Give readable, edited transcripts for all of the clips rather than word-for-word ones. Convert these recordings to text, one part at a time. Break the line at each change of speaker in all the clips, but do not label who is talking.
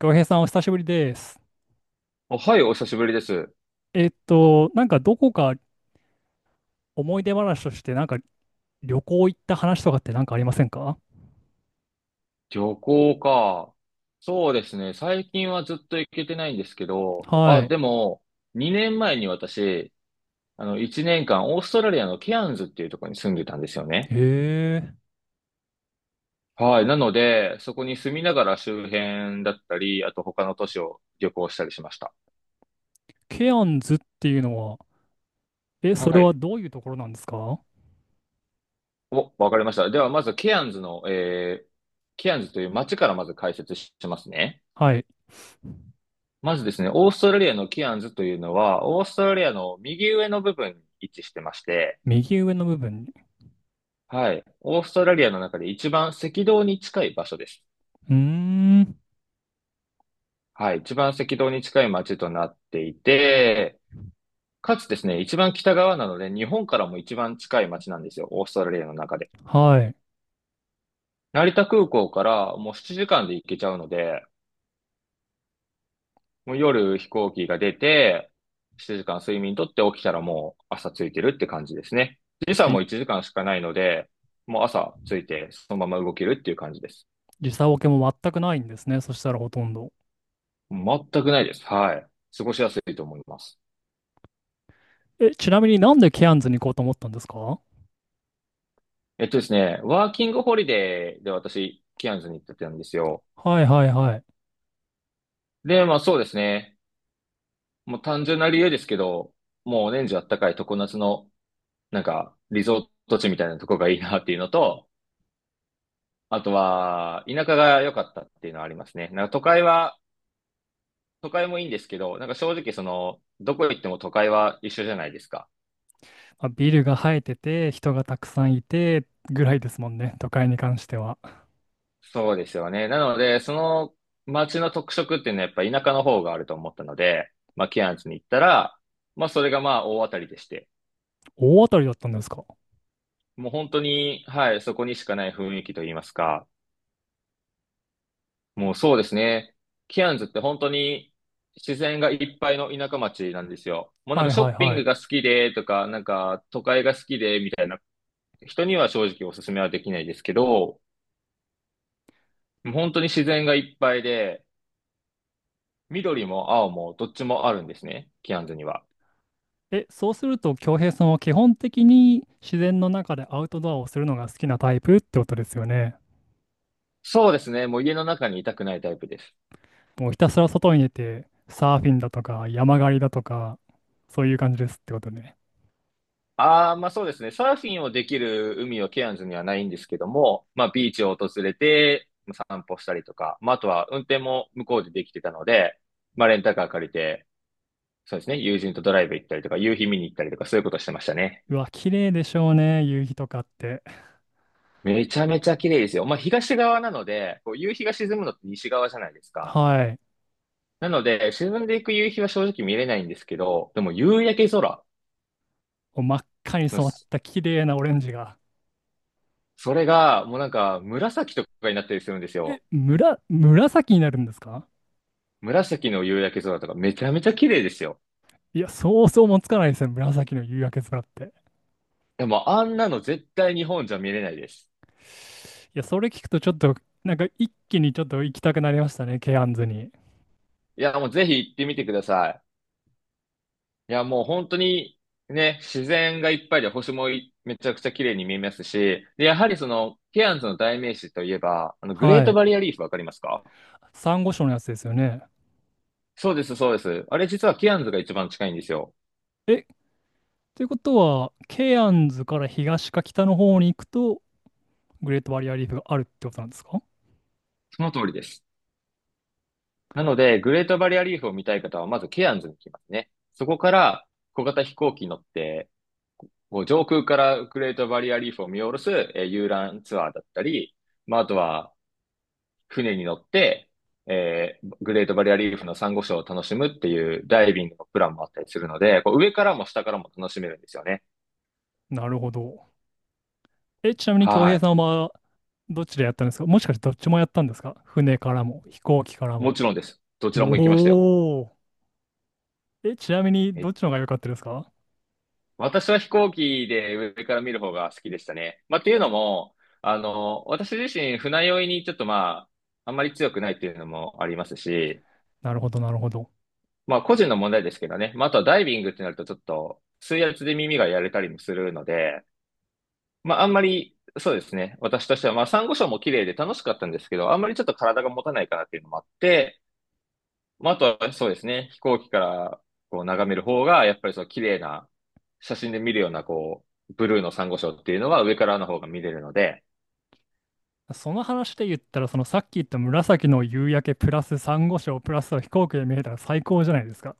浩平さん、お久しぶりです。
あ、はい、お久しぶりです。
なんかどこか思い出話として、なんか旅行行った話とかってなんかありませんか？
旅行か。そうですね。最近はずっと行けてないんですけど、
は
あ、
い。
でも、2年前に私、1年間、オーストラリアのケアンズっていうところに住んでたんですよ
へ
ね。
え、
はい。なので、そこに住みながら周辺だったり、あと他の都市を旅行したりしました。
ケアンズっていうのは、え、それ
は
は
い。
どういうところなんですか？
お、わかりました。では、まずケアンズの、ケアンズという街からまず解説しますね。
はい。
まずですね、オーストラリアのキアンズというのは、オーストラリアの右上の部分に位置してまして、
右上の部分に。
はい。オーストラリアの中で一番赤道に近い場所です。
うーん。
はい。一番赤道に近い町となっていて、かつですね、一番北側なので、日本からも一番近い町なんですよ。オーストラリアの中で。
はい。
成田空港からもう7時間で行けちゃうので、もう夜飛行機が出て、7時間睡眠とって起きたらもう朝着いてるって感じですね。時
そ
差
れに
も1時間しかないので、もう朝着いてそのまま動けるっていう感じです。
時差ボケも全くないんですね。そしたらほとんど。
全くないです。はい。過ごしやすいと思います。
え、ちなみになんでケアンズに行こうと思ったんですか？
えっとですね、ワーキングホリデーで私、キアンズに行ってたんですよ。
はいはいはい。
で、まあそうですね。もう単純な理由ですけど、もう年中あったかい常夏の、なんか、リゾート地みたいなとこがいいなっていうのと、あとは、田舎が良かったっていうのはありますね。なんか都会は、都会もいいんですけど、なんか正直その、どこ行っても都会は一緒じゃないですか。
まあビルが生えてて、人がたくさんいて、ぐらいですもんね。都会に関しては。
そうですよね。なので、その街の特色っていうのはやっぱ田舎の方があると思ったので、まあ、ケアンズに行ったら、まあ、それがまあ、大当たりでして、
大当たりだったんですか。
もう本当に、はい、そこにしかない雰囲気といいますか、もうそうですね。ケアンズって本当に自然がいっぱいの田舎町なんですよ。もうなん
は
か
い
ショ
はい
ッピン
は
グ
い。
が好きでとか、なんか都会が好きでみたいな人には正直おすすめはできないですけど、本当に自然がいっぱいで、緑も青もどっちもあるんですね、キアンズには。
え、そうすると、京平さんは基本的に自然の中でアウトドアをするのが好きなタイプってことですよね。
そうですね、もう家の中にいたくないタイプです。
もうひたすら外に出て、サーフィンだとか、山狩りだとか、そういう感じですってことね。
ああ、まあそうですね、サーフィンをできる海はケアンズにはないんですけども、まあビーチを訪れて散歩したりとか、まああとは運転も向こうでできてたので、まあレンタカー借りて、そうですね、友人とドライブ行ったりとか、夕日見に行ったりとか、そういうことしてましたね。
うわ、綺麗でしょうね、夕日とかって。
めちゃめちゃ綺麗ですよ。まあ、東側なので、こう夕日が沈むのって西側じゃないですか。
はい。
なので、沈んでいく夕日は正直見れないんですけど、でも夕焼け空
もう真っ赤に
の
染まっ
す、
た綺麗なオレンジが。
それがもうなんか紫とかになったりするんです
え、
よ。
むら、紫になるんですか？
紫の夕焼け空とかめちゃめちゃ綺麗ですよ。
いや、想像もつかないですよ、紫の夕焼け空って。
でもあんなの絶対日本じゃ見れないです。
いや、それ聞くとちょっと、なんか一気にちょっと行きたくなりましたね、ケアンズに。
いや、もうぜひ行ってみてください。いや、もう本当にね、自然がいっぱいで星もいめちゃくちゃ綺麗に見えますし、で、やはりその、ケアンズの代名詞といえば、グレー
は
ト
い。
バリアリーフわかりますか？
サンゴ礁のやつですよね。
そうです、そうです。あれ実はケアンズが一番近いんですよ。
え、ということは、ケアンズから東か北の方に行くと、グレートバリアリーフがあるってことなんですか？
その通りです。なので、グレートバリアリーフを見たい方は、まずケアンズに来ますね。そこから、小型飛行機に乗って、もう上空からグレートバリアリーフを見下ろす、遊覧ツアーだったり、まあ、あとは、船に乗って、グレートバリアリーフのサンゴ礁を楽しむっていうダイビングのプランもあったりするので、こう上からも下からも楽しめるんですよね。
なるほど。え、ちなみに恭平
は
さんはどっちでやったんですか？もしかしてどっちもやったんですか？船からも飛行機から
い。も
も。
ちろんです。どちらも行きましたよ。
おお。え、ちなみにど
え、
っちの方が良かったですか？
私は飛行機で上から見る方が好きでしたね。まあ、っていうのも、私自身船酔いにちょっとまあ、あんまり強くないっていうのもありますし、
なるほど、なるほど。
まあ個人の問題ですけどね。まあ、あとはダイビングってなるとちょっと水圧で耳がやれたりもするので、まあ、あんまり、そうですね。私としては、まあ、サンゴ礁も綺麗で楽しかったんですけど、あんまりちょっと体が持たないかなっていうのもあって、まあ、あとはそうですね。飛行機からこう眺める方が、やっぱりそう綺麗な、写真で見るような、こう、ブルーのサンゴ礁っていうのは上からの方が見れるので、
その話で言ったら、そのさっき言った紫の夕焼けプラス珊瑚礁プラス飛行機で見えたら最高じゃないですか。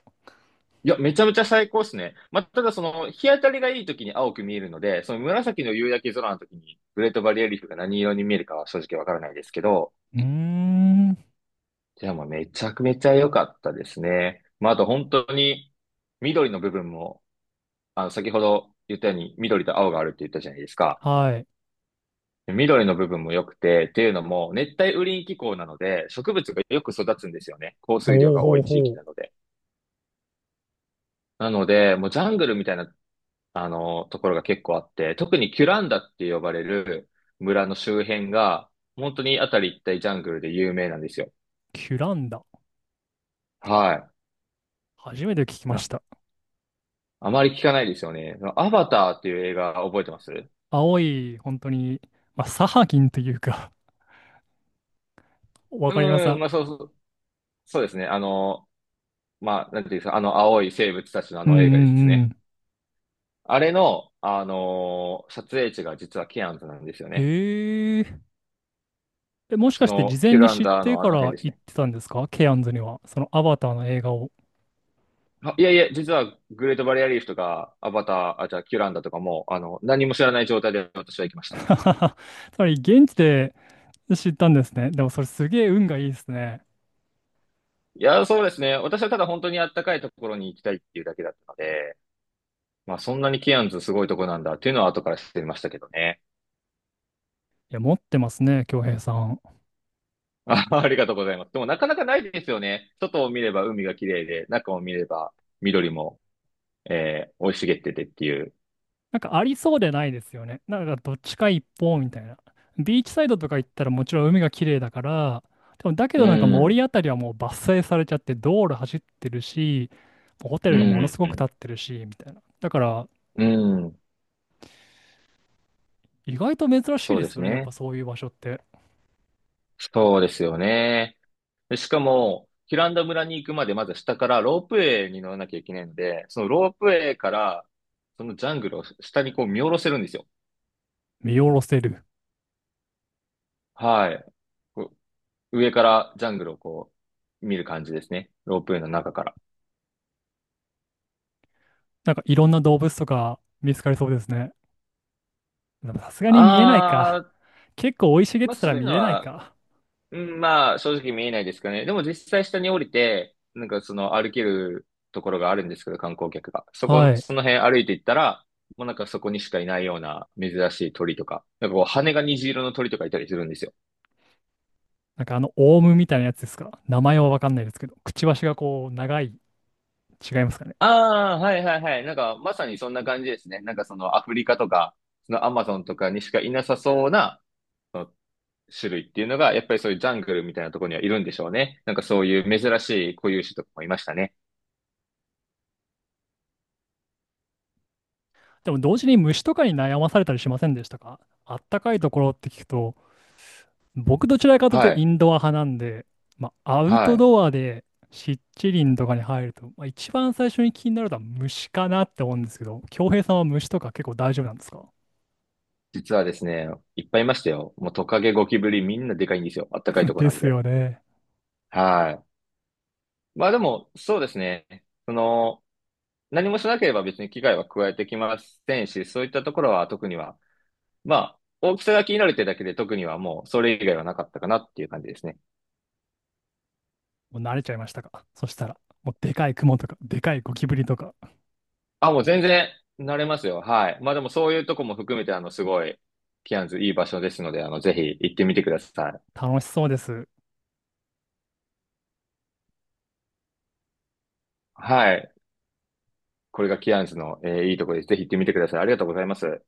いや、めちゃめちゃ最高ですね。まあ、ただその、日当たりがいい時に青く見えるので、その紫の夕焼け空の時に、グレートバリアリーフが何色に見えるかは正直わからないですけど、
うーん。
じゃあもうめちゃくめちゃ良かったですね。まあ、あと本当に緑の部分も、先ほど言ったように緑と青があるって言ったじゃないですか。
はい。
緑の部分も良くて、っていうのも熱帯雨林気候なので植物がよく育つんですよね。降水量
ほう
が
ほ
多
う
い地域
ほ
な
う。
ので。なので、もうジャングルみたいな、ところが結構あって、特にキュランダって呼ばれる村の周辺が、本当にあたり一帯ジャングルで有名なんですよ。
キュランダ。
はい。
初めて聞きました。
あまり聞かないですよね。アバターっていう映画覚えてます？
青い、本当に、まあ、サハギンというか わかります。
うん、
あ、
まあそうそう、そうですね。まあ、なんていうんですか、あの青い生物たちのあ
うんう
の映画です
んう
ね。
ん。
あれの、撮影地が実はケアンズなんですよね。
へえ。え、もし
そ
かして事
の、
前
キュ
に
ラン
知っ
ダー
て
のあ
か
の辺
ら
です
行っ
ね。
てたんですか？ケアンズには。そのアバターの映画を。
あ、いやいや、実はグレートバリアリーフとか、アバター、あ、じゃあキュランダとかも、何も知らない状態で私は行きました。
つまり現地で知ったんですね。でもそれすげえ運がいいですね。
いや、そうですね。私はただ本当にあったかいところに行きたいっていうだけだったので、まあそんなにケアンズすごいとこなんだっていうのは後から知ってましたけどね。
いや、持ってますね、恭平さん。
あ、ありがとうございます。でもなかなかないですよね。外を見れば海が綺麗で、中を見れば緑も、生い茂っててっていう。
なんかありそうでないですよね。なんかどっちか一方みたいな。ビーチサイドとか行ったらもちろん海が綺麗だから、でもだけ
う
どなんか森
ん、
あたりはもう伐採されちゃって道路走ってるし、ホテ
う
ルがものす
ん、
ごく建ってるし、みたいな。だから
うん。
意外と珍しい
そう
で
で
す
す
よね。やっぱ
ね。
そういう場所って。
そうですよね。でしかも、ヒランダ村に行くまでまず下からロープウェイに乗らなきゃいけないので、そのロープウェイから、そのジャングルを下にこう見下ろせるんですよ。
見下ろせる。
はい。こう上からジャングルをこう見る感じですね。ロープウェイの中から。
なんかいろんな動物とか見つかりそうですね。でもさすがに見えない
あ、
か。結構生い茂っ
まあ
てた
そ
ら
ういう
見
の
えない
は、
か。
うん、まあ正直見えないですかね。でも実際下に降りて、なんかその歩けるところがあるんですけど、観光客が。そこ、
はい。
その辺歩いていったら、もうなんかそこにしかいないような珍しい鳥とか、なんかこう羽が虹色の鳥とかいたりするんですよ。
なんかあのオウムみたいなやつですか。名前はわかんないですけど、くちばしがこう長い。違いますかね。
ああ、はいはいはい。なんかまさにそんな感じですね。なんかそのアフリカとか、そのアマゾンとかにしかいなさそうなその種類っていうのが、やっぱりそういうジャングルみたいなところにはいるんでしょうね。なんかそういう珍しい固有種とかもいましたね。
でも同時に虫とかに悩まされたりしませんでしたか？あったかいところって聞くと、僕どちらかというと
は
イ
い。
ンドア派なんで、まあ、アウ
は
ト
い。
ドアで湿地林とかに入ると、まあ、一番最初に気になるのは虫かなって思うんですけど、恭平さんは虫とか結構大丈夫なんですか？
実はですね、いっぱいいましたよ。もうトカゲ、ゴキブリ、みんなでかいんですよ。あったかいと こ
で
なん
す
で。
よね。
はい。まあでも、そうですね。その、何もしなければ別に危害は加えてきませんし、そういったところは特には、まあ、大きさが気になるってだけで特にはもうそれ以外はなかったかなっていう感じですね。
もう慣れちゃいましたか？そしたら、もうでかいクモとか、でかいゴキブリとか、
あ、もう全然慣れますよ。はい。まあでもそういうとこも含めて、すごい、キアンズいい場所ですので、ぜひ行ってみてください。
楽しそうです。
はい。これがキアンズの、いいところです。ぜひ行ってみてください。ありがとうございます。